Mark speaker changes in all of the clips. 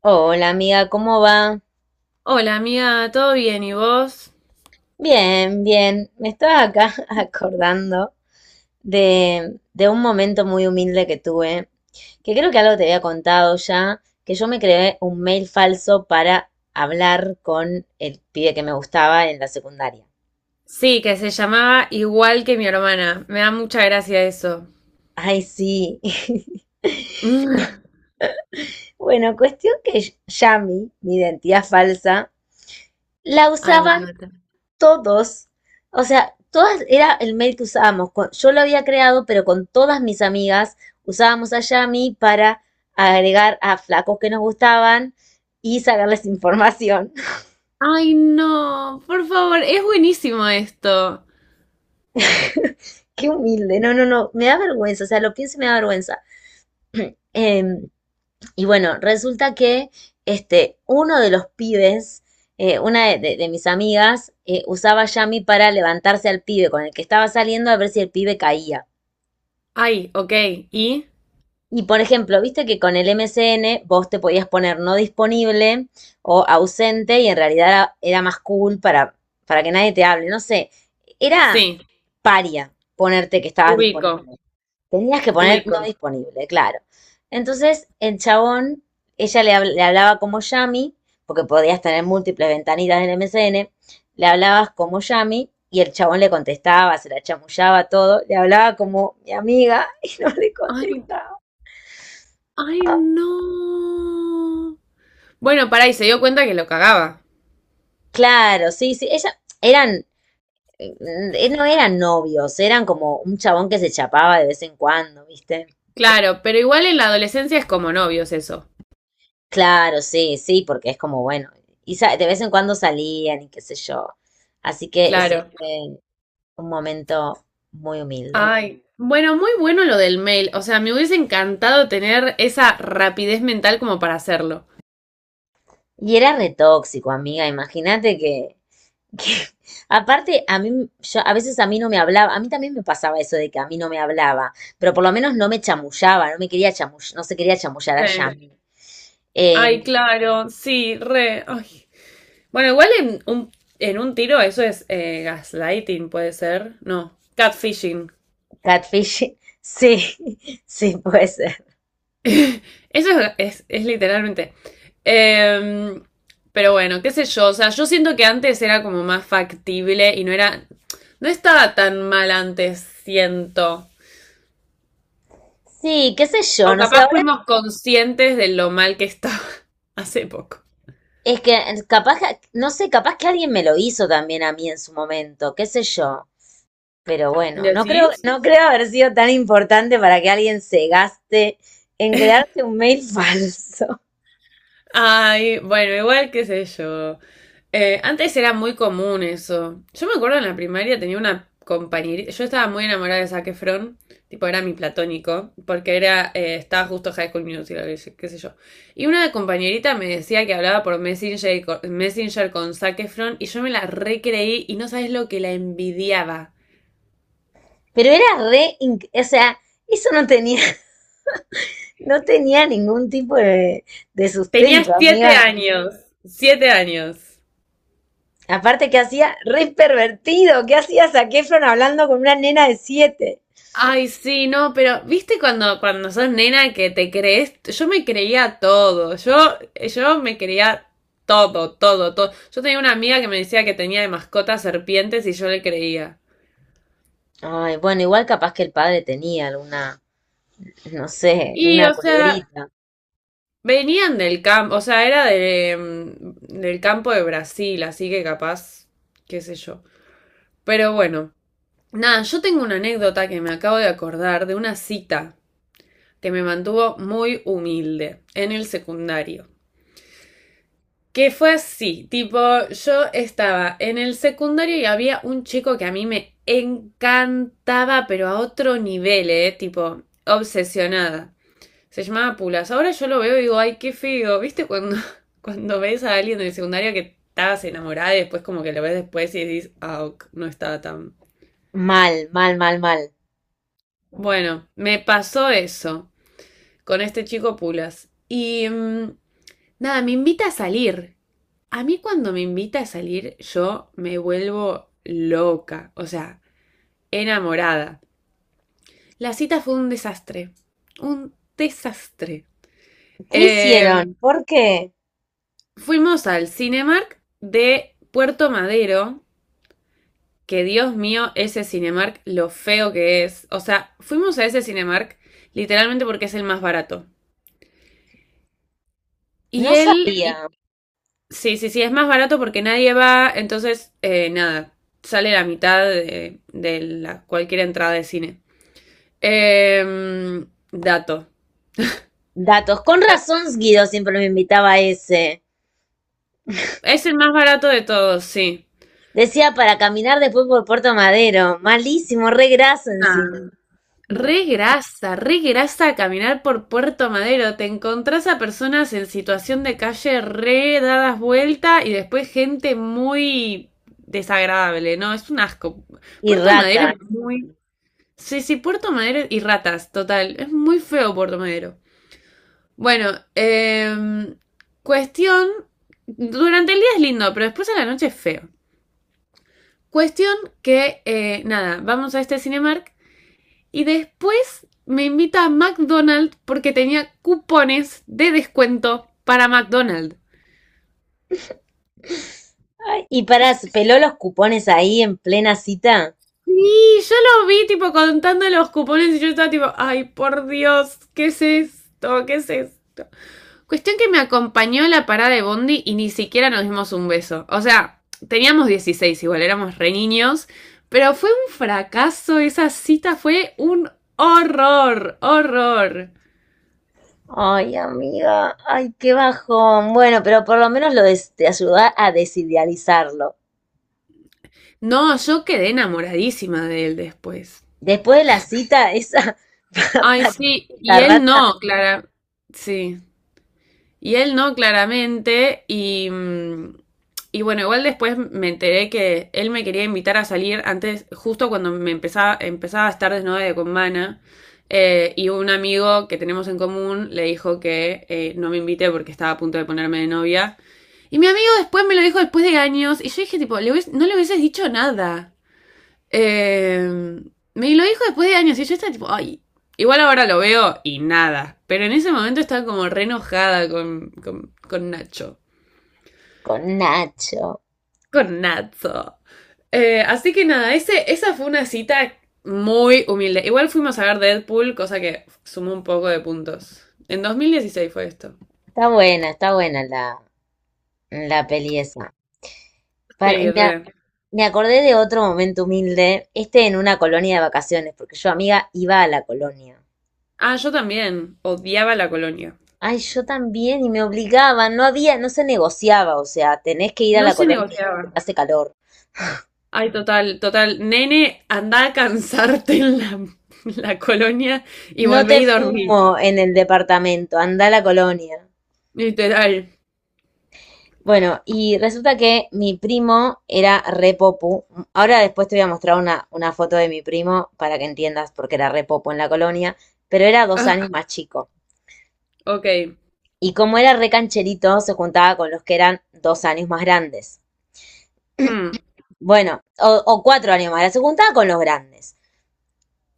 Speaker 1: Hola amiga, ¿cómo va?
Speaker 2: Hola amiga, ¿todo bien? ¿Y vos?
Speaker 1: Bien, bien. Me estaba acá acordando de un momento muy humilde que tuve, que creo que algo te había contado ya, que yo me creé un mail falso para hablar con el pibe que me gustaba en la secundaria.
Speaker 2: Sí, que se llamaba igual que mi hermana. Me da mucha gracia eso.
Speaker 1: Ay, sí. Bueno, cuestión que Yami, mi identidad falsa, la
Speaker 2: Ay, me
Speaker 1: usaba
Speaker 2: mata.
Speaker 1: todos, o sea, todas era el mail que usábamos. Yo lo había creado, pero con todas mis amigas usábamos a Yami para agregar a flacos que nos gustaban y sacarles información.
Speaker 2: Ay, no, por favor, es buenísimo esto.
Speaker 1: Qué humilde, no, no, no, me da vergüenza, o sea, lo pienso y me da vergüenza. Em, y bueno, resulta que este, uno de los pibes, una de, de mis amigas, usaba Yami para levantarse al pibe con el que estaba saliendo a ver si el pibe caía.
Speaker 2: Ay, ok, ¿y?
Speaker 1: Y por ejemplo, viste que con el MCN vos te podías poner no disponible o ausente y en realidad era más cool para que nadie te hable. No sé, era
Speaker 2: Sí,
Speaker 1: paria ponerte que estabas
Speaker 2: ubico,
Speaker 1: disponible. Tenías que poner
Speaker 2: ubico.
Speaker 1: no disponible, claro. Entonces, el chabón, ella le hablaba como Yami, porque podías tener múltiples ventanitas del MCN, le hablabas como Yami y el chabón le contestaba, se la chamullaba todo, le hablaba como mi amiga y no le
Speaker 2: Ay,
Speaker 1: contestaba.
Speaker 2: ay, no. Bueno, pará, y se dio cuenta que lo cagaba.
Speaker 1: Claro, sí, sí. No eran novios, eran como un chabón que se chapaba de vez en cuando, ¿viste?
Speaker 2: Claro, pero igual en la adolescencia es como novios eso.
Speaker 1: Claro, sí, sí, porque es como, bueno, y de vez en cuando salían y qué sé yo. Así que ese
Speaker 2: Claro.
Speaker 1: fue un momento muy humilde.
Speaker 2: Ay, bueno, muy bueno lo del mail. O sea, me hubiese encantado tener esa rapidez mental como para hacerlo.
Speaker 1: Y era re tóxico, amiga, imagínate que- aparte, yo, a veces a mí no me hablaba, a mí también me pasaba eso de que a mí no me hablaba, pero por lo menos no me chamullaba, no me quería chamullar, no se quería chamullar a
Speaker 2: Sí.
Speaker 1: Yami. Em,
Speaker 2: Ay, claro, sí, re. Ay. Bueno, igual en un tiro eso es gaslighting, puede ser. No, catfishing.
Speaker 1: Catfish, sí, sí puede ser.
Speaker 2: Eso es literalmente. Em, pero bueno, qué sé yo. O sea, yo siento que antes era como más factible y no era. No estaba tan mal antes, siento.
Speaker 1: Sí, qué sé
Speaker 2: O
Speaker 1: yo, no sé,
Speaker 2: capaz
Speaker 1: ahora
Speaker 2: fuimos conscientes de lo mal que estaba hace poco.
Speaker 1: es que no sé, capaz que alguien me lo hizo también a mí en su momento, qué sé yo. Pero bueno, no creo,
Speaker 2: ¿Decís?
Speaker 1: no creo haber sido tan importante para que alguien se gaste en crearte un mail falso.
Speaker 2: Ay, bueno, igual qué sé yo. Antes era muy común eso. Yo me acuerdo en la primaria tenía una compañerita. Yo estaba muy enamorada de Zac Efron. Tipo, era mi platónico. Porque era, estaba justo High School Musical, qué sé yo. Y una compañerita me decía que hablaba por Messenger, y Messenger con Zac Efron. Y yo me la recreí y no sabes lo que la envidiaba.
Speaker 1: Pero era re, o sea, eso no tenía ningún tipo de
Speaker 2: Tenía
Speaker 1: sustento,
Speaker 2: siete
Speaker 1: amiga.
Speaker 2: años. 7 años.
Speaker 1: Aparte que hacía re pervertido, ¿qué hacía Zac Efron hablando con una nena de 7?
Speaker 2: Ay, sí, no, pero viste cuando, cuando sos nena que te crees, yo me creía todo, yo me creía todo, todo, todo. Yo tenía una amiga que me decía que tenía de mascota serpientes y yo le creía.
Speaker 1: Ay, bueno, igual capaz que el padre tenía alguna, no sé,
Speaker 2: Y,
Speaker 1: una
Speaker 2: o sea,
Speaker 1: culebrita.
Speaker 2: venían del campo, o sea, era de, mm, del campo de Brasil, así que capaz, qué sé yo. Pero bueno, nada, yo tengo una anécdota que me acabo de acordar de una cita que me mantuvo muy humilde en el secundario. Que fue así, tipo, yo estaba en el secundario y había un chico que a mí me encantaba, pero a otro nivel, ¿eh? Tipo, obsesionada. Se llamaba Pulas. Ahora yo lo veo y digo, ay, qué feo. ¿Viste cuando, cuando ves a alguien del secundario que estabas enamorada y después como que lo ves después y dices, ah, ok, no estaba tan...
Speaker 1: Mal, mal, mal, mal.
Speaker 2: Bueno, me pasó eso con este chico Pulas. Y mm, nada, me invita a salir. A mí cuando me invita a salir, yo me vuelvo loca, o sea, enamorada. La cita fue un desastre, un desastre.
Speaker 1: ¿Qué
Speaker 2: Eh,
Speaker 1: hicieron? ¿Por qué?
Speaker 2: Fuimos al Cinemark de Puerto Madero, que Dios mío, ese Cinemark, lo feo que es. O sea, fuimos a ese Cinemark literalmente porque es el más barato. Y
Speaker 1: No
Speaker 2: él
Speaker 1: sabía.
Speaker 2: sí, sí, sí, es más barato porque nadie va, entonces, nada, sale la mitad de la, cualquier entrada de cine. Dato.
Speaker 1: Datos. Con
Speaker 2: Da-
Speaker 1: razón, Guido siempre me invitaba a ese.
Speaker 2: Es el más barato de todos, sí.
Speaker 1: Decía para caminar después por Puerto Madero. Malísimo, re graso encima.
Speaker 2: Nah. Re grasa caminar por Puerto Madero. Te encontrás a personas en situación de calle re dadas vuelta y después gente muy desagradable, ¿no? Es un asco.
Speaker 1: Y
Speaker 2: Puerto Madero
Speaker 1: rata.
Speaker 2: es muy... Sí, sí, Puerto Madero y ratas, total. Es muy feo Puerto Madero. Bueno, cuestión. Durante el día es lindo, pero después a la noche es feo. Cuestión que, nada, vamos a este Cinemark y después me invita a McDonald's porque tenía cupones de descuento para McDonald's.
Speaker 1: Ay, y para, peló los cupones ahí en plena cita.
Speaker 2: Sí, yo lo vi tipo contando los cupones y yo estaba tipo, ay, por Dios, ¿qué es esto? ¿Qué es esto? Cuestión que me acompañó a la parada de Bondi y ni siquiera nos dimos un beso. O sea, teníamos 16 igual, éramos re niños, pero fue un fracaso esa cita, fue un horror, horror.
Speaker 1: Ay, amiga, ay, qué bajón. Bueno, pero por lo menos te ayuda a desidealizarlo.
Speaker 2: No, yo quedé enamoradísima de él después.
Speaker 1: Después de la cita, esa
Speaker 2: Ay, sí, y
Speaker 1: patética
Speaker 2: él
Speaker 1: rata
Speaker 2: no, Clara. Sí, y él no, claramente. Y, mm, y bueno, igual después me enteré que él me quería invitar a salir antes, justo cuando me empezaba a estar desnuda con Mana. Y un amigo que tenemos en común le dijo que no me invité porque estaba a punto de ponerme de novia. Y mi amigo después me lo dijo después de años. Y yo dije, tipo, no le hubieses dicho nada. Eh, Me lo dijo después de años y yo estaba tipo, ay, igual ahora lo veo y nada. Pero en ese momento estaba como re enojada con Nacho.
Speaker 1: con Nacho.
Speaker 2: Con Nacho. Así que nada, ese, esa fue una cita muy humilde. Igual fuimos a ver Deadpool, cosa que sumó un poco de puntos. En 2016 fue esto.
Speaker 1: Está buena la peli esa. Para- y
Speaker 2: Sí,
Speaker 1: me, a-
Speaker 2: re.
Speaker 1: Me acordé de otro momento humilde, este en una colonia de vacaciones, porque yo, amiga, iba a la colonia.
Speaker 2: Ah, yo también. Odiaba la colonia.
Speaker 1: Ay, yo también, y me obligaban, no había, no se negociaba, o sea, tenés que ir a
Speaker 2: No
Speaker 1: la
Speaker 2: se
Speaker 1: colonia porque
Speaker 2: negociaba.
Speaker 1: hace calor.
Speaker 2: Ay, total, total. Nene, anda a cansarte en la, la colonia y
Speaker 1: No
Speaker 2: volvé
Speaker 1: te
Speaker 2: y dormí.
Speaker 1: fumo en el departamento, anda a la colonia.
Speaker 2: Literal.
Speaker 1: Bueno, y resulta que mi primo era re popu. Ahora después te voy a mostrar una foto de mi primo para que entiendas por qué era re popu en la colonia, pero era dos años
Speaker 2: Ah,
Speaker 1: más chico.
Speaker 2: ok.
Speaker 1: Y como era re cancherito, se juntaba con los que eran 2 años más grandes.
Speaker 2: Hmm.
Speaker 1: Bueno, o 4 años más grandes, se juntaba con los grandes.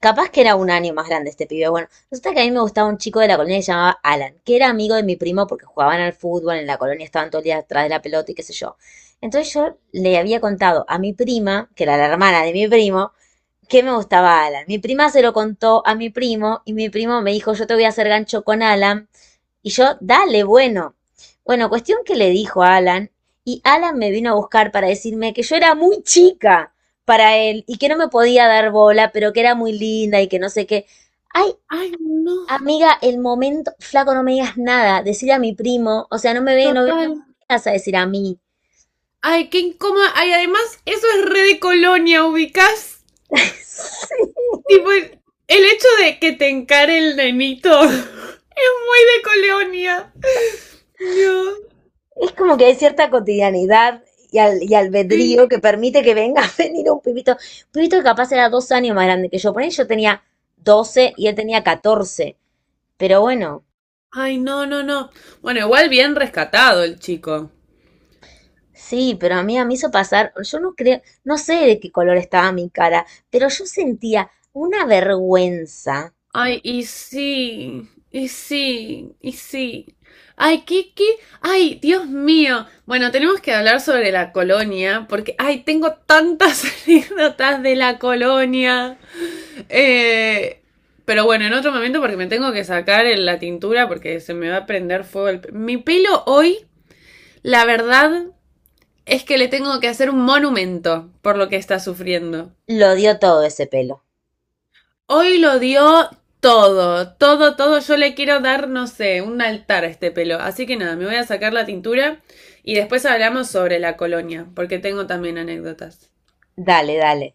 Speaker 1: Capaz que era 1 año más grande este pibe. Bueno, resulta que a mí me gustaba un chico de la colonia que se llamaba Alan, que era amigo de mi primo porque jugaban al fútbol, en la colonia estaban todo el día atrás de la pelota y qué sé yo. Entonces yo le había contado a mi prima, que era la hermana de mi primo, qué me gustaba Alan. Mi prima se lo contó a mi primo y mi primo me dijo, yo te voy a hacer gancho con Alan. Y yo, dale, bueno. Bueno, cuestión que le dijo a Alan y Alan me vino a buscar para decirme que yo era muy chica para él y que no me podía dar bola, pero que era muy linda y que no sé qué. Ay,
Speaker 2: Ay, no.
Speaker 1: amiga, el momento, flaco, no me digas nada, decir a mi primo, o sea, no me ve, no
Speaker 2: Total.
Speaker 1: me vas a decir a mí.
Speaker 2: Ay, qué incómodo. Ay, además, eso es re de colonia, ubicás. Tipo, el hecho de que te encare el nenito es muy de colonia. Dios.
Speaker 1: Es como que hay cierta cotidianidad y
Speaker 2: Sí.
Speaker 1: albedrío que permite que venga a venir un pibito. Un pibito que capaz era 2 años más grande que yo. Por ahí yo tenía 12 y él tenía 14. Pero bueno,
Speaker 2: Ay, no, no, no. Bueno, igual bien rescatado el chico.
Speaker 1: sí, pero a mí me hizo pasar. Yo no creo, no sé de qué color estaba mi cara, pero yo sentía una vergüenza.
Speaker 2: Ay, y sí, y sí, y sí. Ay, Kiki, ay, Dios mío. Bueno, tenemos que hablar sobre la colonia, porque, ay, tengo tantas anécdotas de la colonia. Eh, pero bueno, en otro momento, porque me tengo que sacar la tintura, porque se me va a prender fuego mi pelo hoy, la verdad, es que le tengo que hacer un monumento por lo que está sufriendo.
Speaker 1: Lo dio todo ese pelo.
Speaker 2: Hoy lo dio todo, todo, todo. Yo le quiero dar, no sé, un altar a este pelo. Así que nada, me voy a sacar la tintura y después hablamos sobre la colonia, porque tengo también anécdotas.
Speaker 1: Dale, dale.